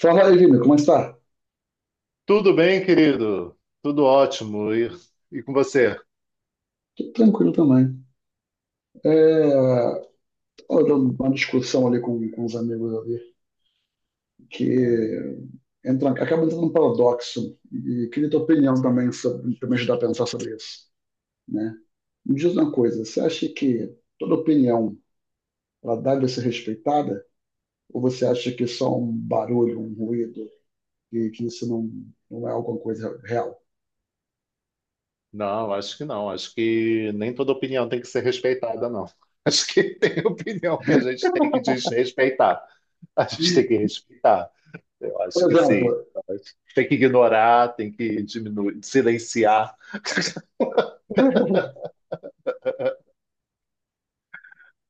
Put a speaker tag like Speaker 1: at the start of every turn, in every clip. Speaker 1: Fala aí, Vini, como é que tá?
Speaker 2: Tudo bem, querido? Tudo ótimo. E com você?
Speaker 1: Tô tranquilo também. É, Tava dando uma discussão ali com os amigos ali, que entra, acaba entrando num paradoxo, e queria tua opinião também sobre, pra me ajudar a pensar sobre isso, né? Me diz uma coisa, você acha que toda opinião, ela deve ser respeitada? Ou você acha que só um barulho, um ruído, e que não é alguma coisa real?
Speaker 2: Não, acho que não. Acho que nem toda opinião tem que ser respeitada, não. Acho que tem opinião que a gente tem que desrespeitar. A gente tem que respeitar. Eu
Speaker 1: Por
Speaker 2: acho que
Speaker 1: exemplo,
Speaker 2: sim. Tem que ignorar, tem que diminuir, silenciar.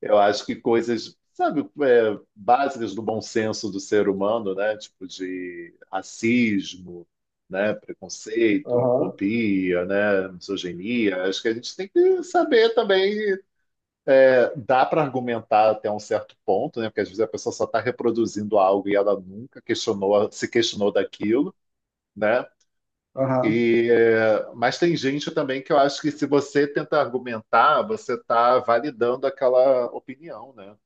Speaker 2: Eu acho que coisas, sabe, básicas do bom senso do ser humano, né? Tipo de racismo, né? Preconceito,
Speaker 1: aham,
Speaker 2: homofobia, né? Misoginia. Acho que a gente tem que saber também. Dá para argumentar até um certo ponto, né? Porque às vezes a pessoa só está reproduzindo algo e ela nunca questionou, se questionou daquilo, né?
Speaker 1: aham,
Speaker 2: E mas tem gente também que eu acho que se você tenta argumentar, você está validando aquela opinião, né?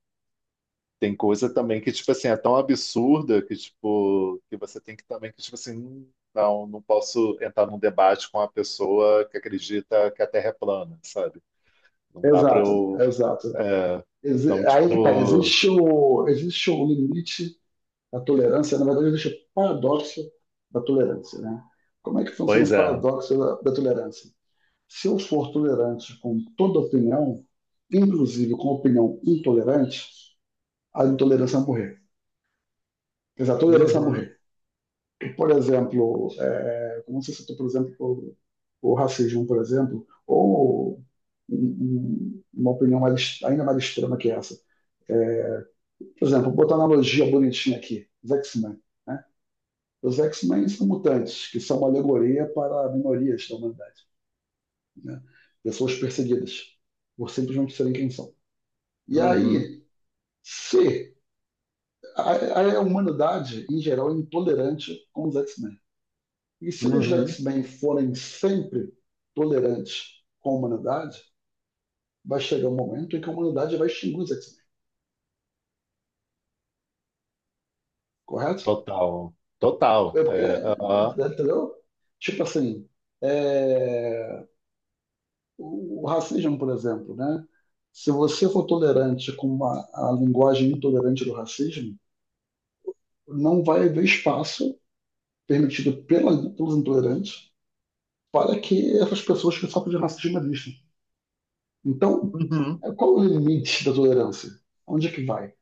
Speaker 2: Tem coisa também que, tipo assim, é tão absurda que, tipo, que você tem que também, que, tipo assim, não, não posso entrar num debate com uma pessoa que acredita que a Terra é plana, sabe? Não dá pra
Speaker 1: exato,
Speaker 2: eu.
Speaker 1: exato.
Speaker 2: é, então,
Speaker 1: Aí que tá,
Speaker 2: tipo.
Speaker 1: existe o limite da tolerância, na verdade existe o paradoxo da tolerância, né? Como é que funciona
Speaker 2: Pois
Speaker 1: o
Speaker 2: é.
Speaker 1: paradoxo da tolerância? Se eu for tolerante com toda opinião, inclusive com opinião intolerante, a intolerância vai morrer. Quer dizer, a tolerância vai
Speaker 2: Uhum,
Speaker 1: morrer. Por exemplo, como você citou, por exemplo, o racismo, por exemplo, ou uma opinião ainda mais extrema que essa é, por exemplo, vou botar uma analogia bonitinha aqui, os X-Men. Né? Os X-Men são mutantes, que são uma alegoria para minorias da humanidade, né? Pessoas perseguidas por simplesmente serem quem são. E
Speaker 2: uhum,
Speaker 1: aí, se a humanidade, em geral, é intolerante com os X-Men. E se os
Speaker 2: uhum.
Speaker 1: X-Men forem sempre tolerantes com a humanidade, vai chegar um momento em que a humanidade vai extinguir os X-Men, correto?
Speaker 2: Total. Total.
Speaker 1: É porque,
Speaker 2: É, aham.
Speaker 1: entendeu? Tipo assim, é, o racismo, por exemplo, né? Se você for tolerante com uma, a linguagem intolerante do racismo, não vai haver espaço permitido pelos intolerantes para que essas pessoas que sofrem de racismo existam. Então,
Speaker 2: Uhum.
Speaker 1: qual é o limite da tolerância? Onde é que vai?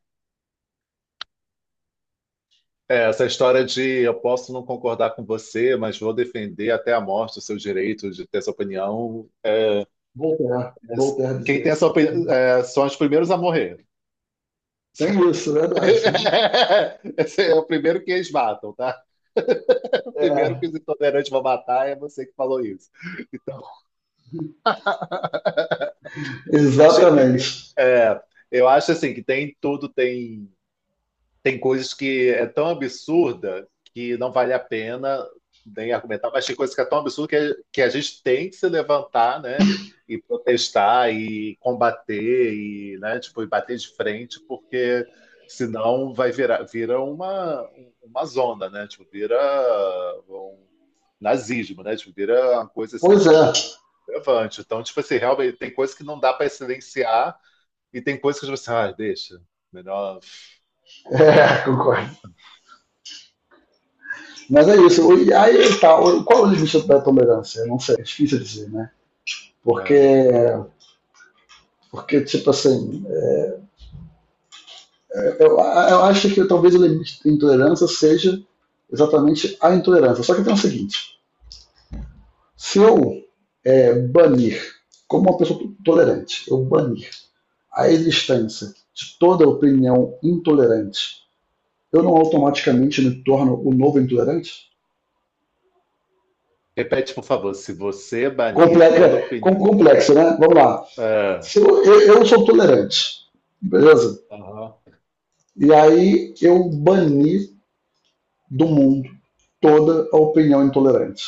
Speaker 2: É, essa história de eu posso não concordar com você, mas vou defender até a morte o seu direito de ter essa opinião.
Speaker 1: Voltaire, Voltaire
Speaker 2: Quem
Speaker 1: dizer
Speaker 2: tem essa
Speaker 1: isso.
Speaker 2: opinião são os primeiros a morrer.
Speaker 1: Tem isso, verdade.
Speaker 2: Esse é o primeiro que eles matam, tá? O primeiro
Speaker 1: É,
Speaker 2: que os intolerantes vão matar é você que falou isso. Então, acho-
Speaker 1: exatamente.
Speaker 2: é, eu acho assim que tem tudo, tem. Tem coisas que é tão absurda que não vale a pena nem argumentar, mas tem coisas que é tão absurda que a gente tem que se levantar, né? E protestar e combater e, né, tipo, e bater de frente, porque senão vai virar vira uma zona, né? Tipo, vira um nazismo, né? Tipo, vira uma coisa assim, um,
Speaker 1: Pois é,
Speaker 2: um levante. Então, tipo assim, realmente tem coisas que não dá para silenciar e tem coisas que você, ah, deixa, melhor.
Speaker 1: é, concordo. Mas é isso. E aí tá, qual é o limite da tolerância? Não sei, é difícil dizer, né? Porque
Speaker 2: É,
Speaker 1: Porque, tipo assim, eu acho que talvez o limite de intolerância seja exatamente a intolerância. Só que tem o seguinte: se eu banir, como uma pessoa tolerante, eu banir a existência de toda opinião intolerante, eu não automaticamente me torno o novo intolerante?
Speaker 2: Repete, por favor, se você é banir
Speaker 1: Complexa,
Speaker 2: toda opinião.
Speaker 1: complexo, né? Vamos lá.
Speaker 2: É,
Speaker 1: Se eu sou tolerante, beleza?
Speaker 2: aham.
Speaker 1: E aí eu bani do mundo toda a opinião intolerante.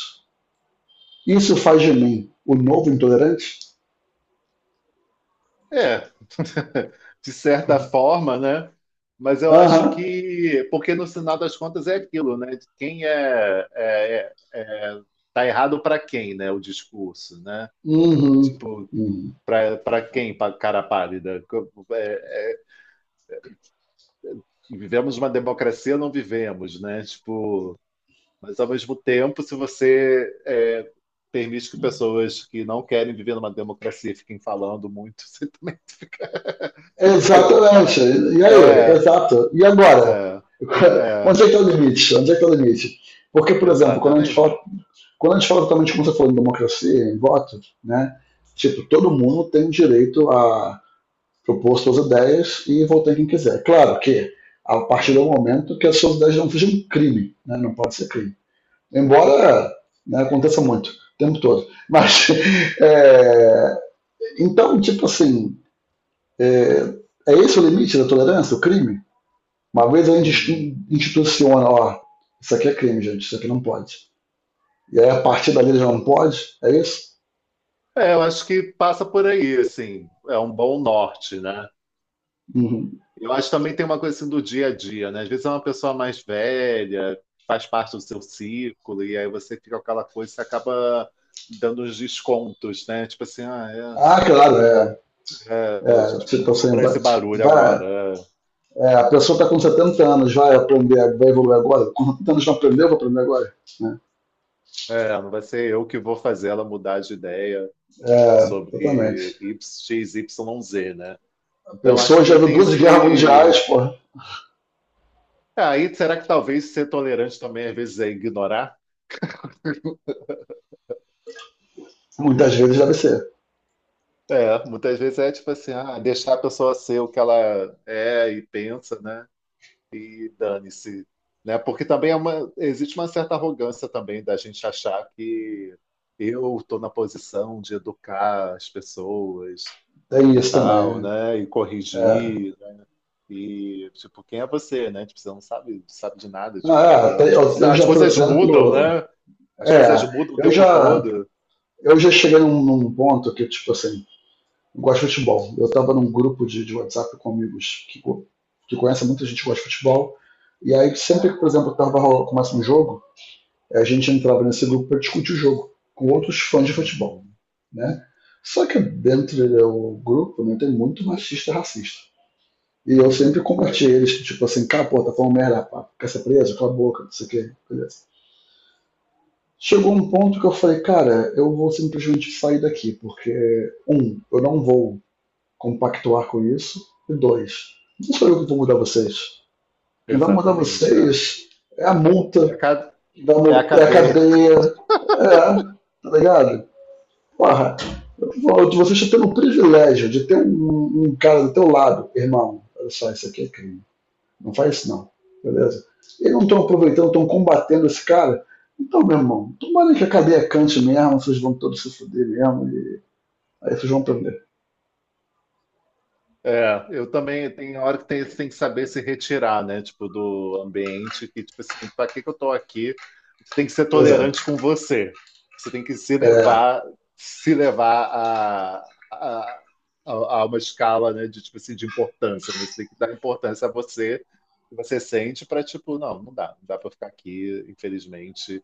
Speaker 1: Isso faz de mim o novo intolerante?
Speaker 2: É, de certa forma, né? Mas eu acho
Speaker 1: Aham.
Speaker 2: que, porque no final das contas é aquilo, né? De quem é, tá errado para quem, né? O discurso, né?
Speaker 1: Uhum.
Speaker 2: Tipo,
Speaker 1: Uhum.
Speaker 2: para quem, para cara pálida? Vivemos uma democracia ou não vivemos, né? Tipo, mas, ao mesmo tempo, se você permite que pessoas que não querem viver numa democracia fiquem falando muito, você também. Opa!
Speaker 1: Exatamente. E aí?
Speaker 2: É,
Speaker 1: Exato. E agora?
Speaker 2: é, é,
Speaker 1: Onde é que está o limite? Onde é que está o limite? Porque, por exemplo,
Speaker 2: exatamente.
Speaker 1: quando a gente fala totalmente como você falou, em democracia, em voto, né? Tipo, todo mundo tem direito a propor suas ideias e votar em quem quiser. Claro que a partir do
Speaker 2: É.
Speaker 1: momento que as suas ideias não sejam um crime, né? Não pode ser crime. Embora né, aconteça muito, o tempo todo. Mas, é, então, tipo assim, é, é esse o limite da tolerância, o crime? Uma vez a
Speaker 2: Uhum.
Speaker 1: gente instituciona, ó, isso aqui é crime, gente, isso aqui não pode. E aí a partir dali já não pode, é isso?
Speaker 2: É, eu acho que passa por aí, assim, é um bom norte, né?
Speaker 1: Uhum.
Speaker 2: Eu acho que também tem uma coisa assim do dia a dia, né? Às vezes é uma pessoa mais velha, faz parte do seu círculo, e aí você fica com aquela coisa, você acaba dando uns descontos, né? Tipo assim,
Speaker 1: Ah, claro, é.
Speaker 2: é, a
Speaker 1: É
Speaker 2: gente não
Speaker 1: tipo
Speaker 2: vou
Speaker 1: assim,
Speaker 2: comprar esse barulho
Speaker 1: vai,
Speaker 2: agora.
Speaker 1: é, a pessoa está com 70 anos, vai aprender, vai evoluir agora. Com 70 anos não aprendeu, vai aprender agora. Né?
Speaker 2: Não vai ser eu que vou fazer ela mudar de ideia
Speaker 1: É,
Speaker 2: sobre
Speaker 1: exatamente.
Speaker 2: X, Y, Z, né?
Speaker 1: A
Speaker 2: Então, acho que
Speaker 1: pessoa já
Speaker 2: também
Speaker 1: viu
Speaker 2: tem
Speaker 1: duas guerras mundiais,
Speaker 2: esse.
Speaker 1: pô.
Speaker 2: Ah, aí, será que talvez ser tolerante também às vezes é ignorar?
Speaker 1: Muitas vezes deve ser.
Speaker 2: É, muitas vezes é tipo assim, ah, deixar a pessoa ser o que ela é e pensa, né? E dane-se, né? Porque também é uma, existe uma certa arrogância também da gente achar que eu estou na posição de educar as pessoas
Speaker 1: Tem
Speaker 2: e
Speaker 1: isso também,
Speaker 2: tal,
Speaker 1: né?
Speaker 2: né? E
Speaker 1: É.
Speaker 2: corrigir. E, tipo, quem é você, né? Tipo, você não sabe, sabe de nada. Tipo, as coisas,
Speaker 1: Eu
Speaker 2: as
Speaker 1: já, por
Speaker 2: coisas mudam,
Speaker 1: exemplo,
Speaker 2: né? As coisas
Speaker 1: é,
Speaker 2: mudam o
Speaker 1: eu
Speaker 2: tempo
Speaker 1: já,
Speaker 2: todo.
Speaker 1: Eu já cheguei num ponto que, tipo assim, eu gosto de futebol. Eu estava num grupo de WhatsApp com amigos que conhecem muita gente que gosta de futebol. E aí, sempre que, por exemplo, começa um jogo, a gente entrava nesse grupo para discutir o jogo com outros fãs de futebol,
Speaker 2: Uhum,
Speaker 1: né? Só que dentro do grupo, né, tem muito machista e racista. E eu sempre
Speaker 2: uhum,
Speaker 1: combati eles, tipo assim, cara, pô, tá falando merda, pá, quer ser preso? Cala a boca, não sei o quê, beleza. Chegou um ponto que eu falei, cara, eu vou simplesmente sair daqui, porque, um, eu não vou compactuar com isso, e dois, não sou eu que vou mudar vocês. Quem vai mudar
Speaker 2: exatamente.
Speaker 1: vocês é a
Speaker 2: É
Speaker 1: multa,
Speaker 2: a ca-
Speaker 1: quem vai
Speaker 2: é a
Speaker 1: mudar, é a
Speaker 2: cadeia.
Speaker 1: cadeia, é, tá ligado? Porra, vocês estão tendo o privilégio de ter um cara do teu lado, irmão, olha só, isso aqui é crime. Não faz isso não. Beleza? Eles não estão aproveitando, estão combatendo esse cara. Então, meu irmão, tomara que a cadeia cante mesmo, vocês vão todos se fuder mesmo, e aí vocês vão aprender.
Speaker 2: É, eu também tem hora que tem, você tem que saber se retirar, né? Tipo, do ambiente que, tipo assim, pra que que eu tô aqui? Você tem que ser
Speaker 1: Pois é.
Speaker 2: tolerante com você. Você tem que se
Speaker 1: É.
Speaker 2: levar, se levar a, a, a uma escala, né? De, tipo assim, de importância, né? Você tem que dar importância a você, que você sente pra, tipo, não, não dá, não dá pra ficar aqui, infelizmente.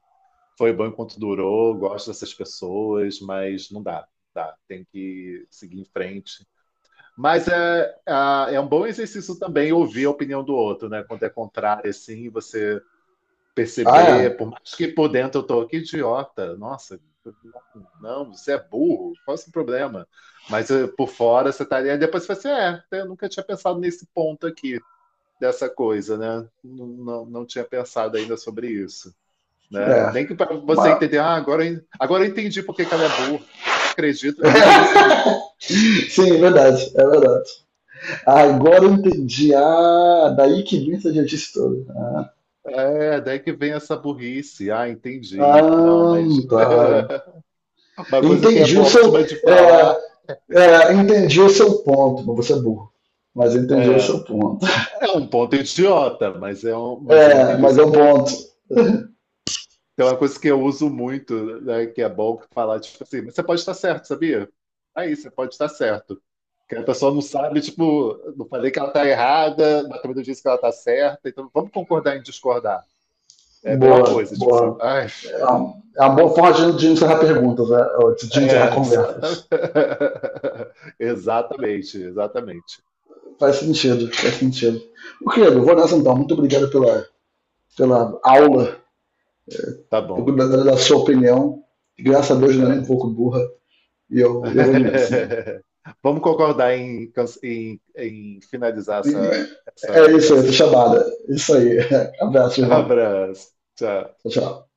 Speaker 2: Foi bom enquanto durou, gosto dessas pessoas, mas não dá, não dá. Tem que seguir em frente, mas é um bom exercício também ouvir a opinião do outro, né? Quando é contrário, assim, você perceber,
Speaker 1: Ah,
Speaker 2: por mais que por dentro eu tô, que idiota, nossa, não, não, você é burro, qual é o seu problema? Mas por fora você tá ali, aí depois você fala assim, é, eu nunca tinha pensado nesse ponto aqui, dessa coisa, né? Não, não, não tinha pensado ainda sobre isso,
Speaker 1: é?
Speaker 2: né?
Speaker 1: É.
Speaker 2: Nem que para você
Speaker 1: Mas,
Speaker 2: entender, ah, agora, agora eu entendi por que que ela é burra, porque ela acredita nisso, nisso, nisso.
Speaker 1: sim, é verdade, é verdade. Ah, agora eu entendi. Ah, daí que vem essa idiotice toda. Ah,
Speaker 2: É, daí que vem essa burrice. Ah, entendi. Não,
Speaker 1: ah,
Speaker 2: mas
Speaker 1: tá.
Speaker 2: uma coisa que é
Speaker 1: Entendi
Speaker 2: bo-
Speaker 1: o seu.
Speaker 2: ótima de
Speaker 1: É,
Speaker 2: falar
Speaker 1: Entendi o seu ponto, mas você é burro. Mas entendi o
Speaker 2: é,
Speaker 1: seu ponto.
Speaker 2: é um ponto idiota, mas é um, mas eu
Speaker 1: É,
Speaker 2: entendi
Speaker 1: mas
Speaker 2: esse
Speaker 1: é um
Speaker 2: ponto.
Speaker 1: ponto.
Speaker 2: Tem uma coisa que eu uso muito, né, que é bom falar, tipo assim, mas você pode estar certo, sabia? Aí, você pode estar certo. Que a pessoa não sabe, tipo, não falei que ela está errada, mas também não disse que ela está certa, então vamos concordar em discordar. É a melhor
Speaker 1: Boa,
Speaker 2: coisa, tipo assim,
Speaker 1: boa.
Speaker 2: ai,
Speaker 1: É uma boa forma de encerrar perguntas, né? De encerrar
Speaker 2: é,
Speaker 1: conversas.
Speaker 2: exatamente. Exatamente, exatamente.
Speaker 1: Faz sentido, faz sentido. O que credo, vou nessa então. Muito obrigado pela aula,
Speaker 2: Tá bom.
Speaker 1: pela sua opinião. Graças a Deus não é nem um
Speaker 2: É.
Speaker 1: pouco burra. E eu vou nessa então.
Speaker 2: Vamos concordar em, em finalizar essa,
Speaker 1: É
Speaker 2: essa
Speaker 1: isso aí, essa
Speaker 2: ligação.
Speaker 1: chamada. Isso aí. Abraço, irmão.
Speaker 2: Abraço. Tchau.
Speaker 1: Tchau, tchau.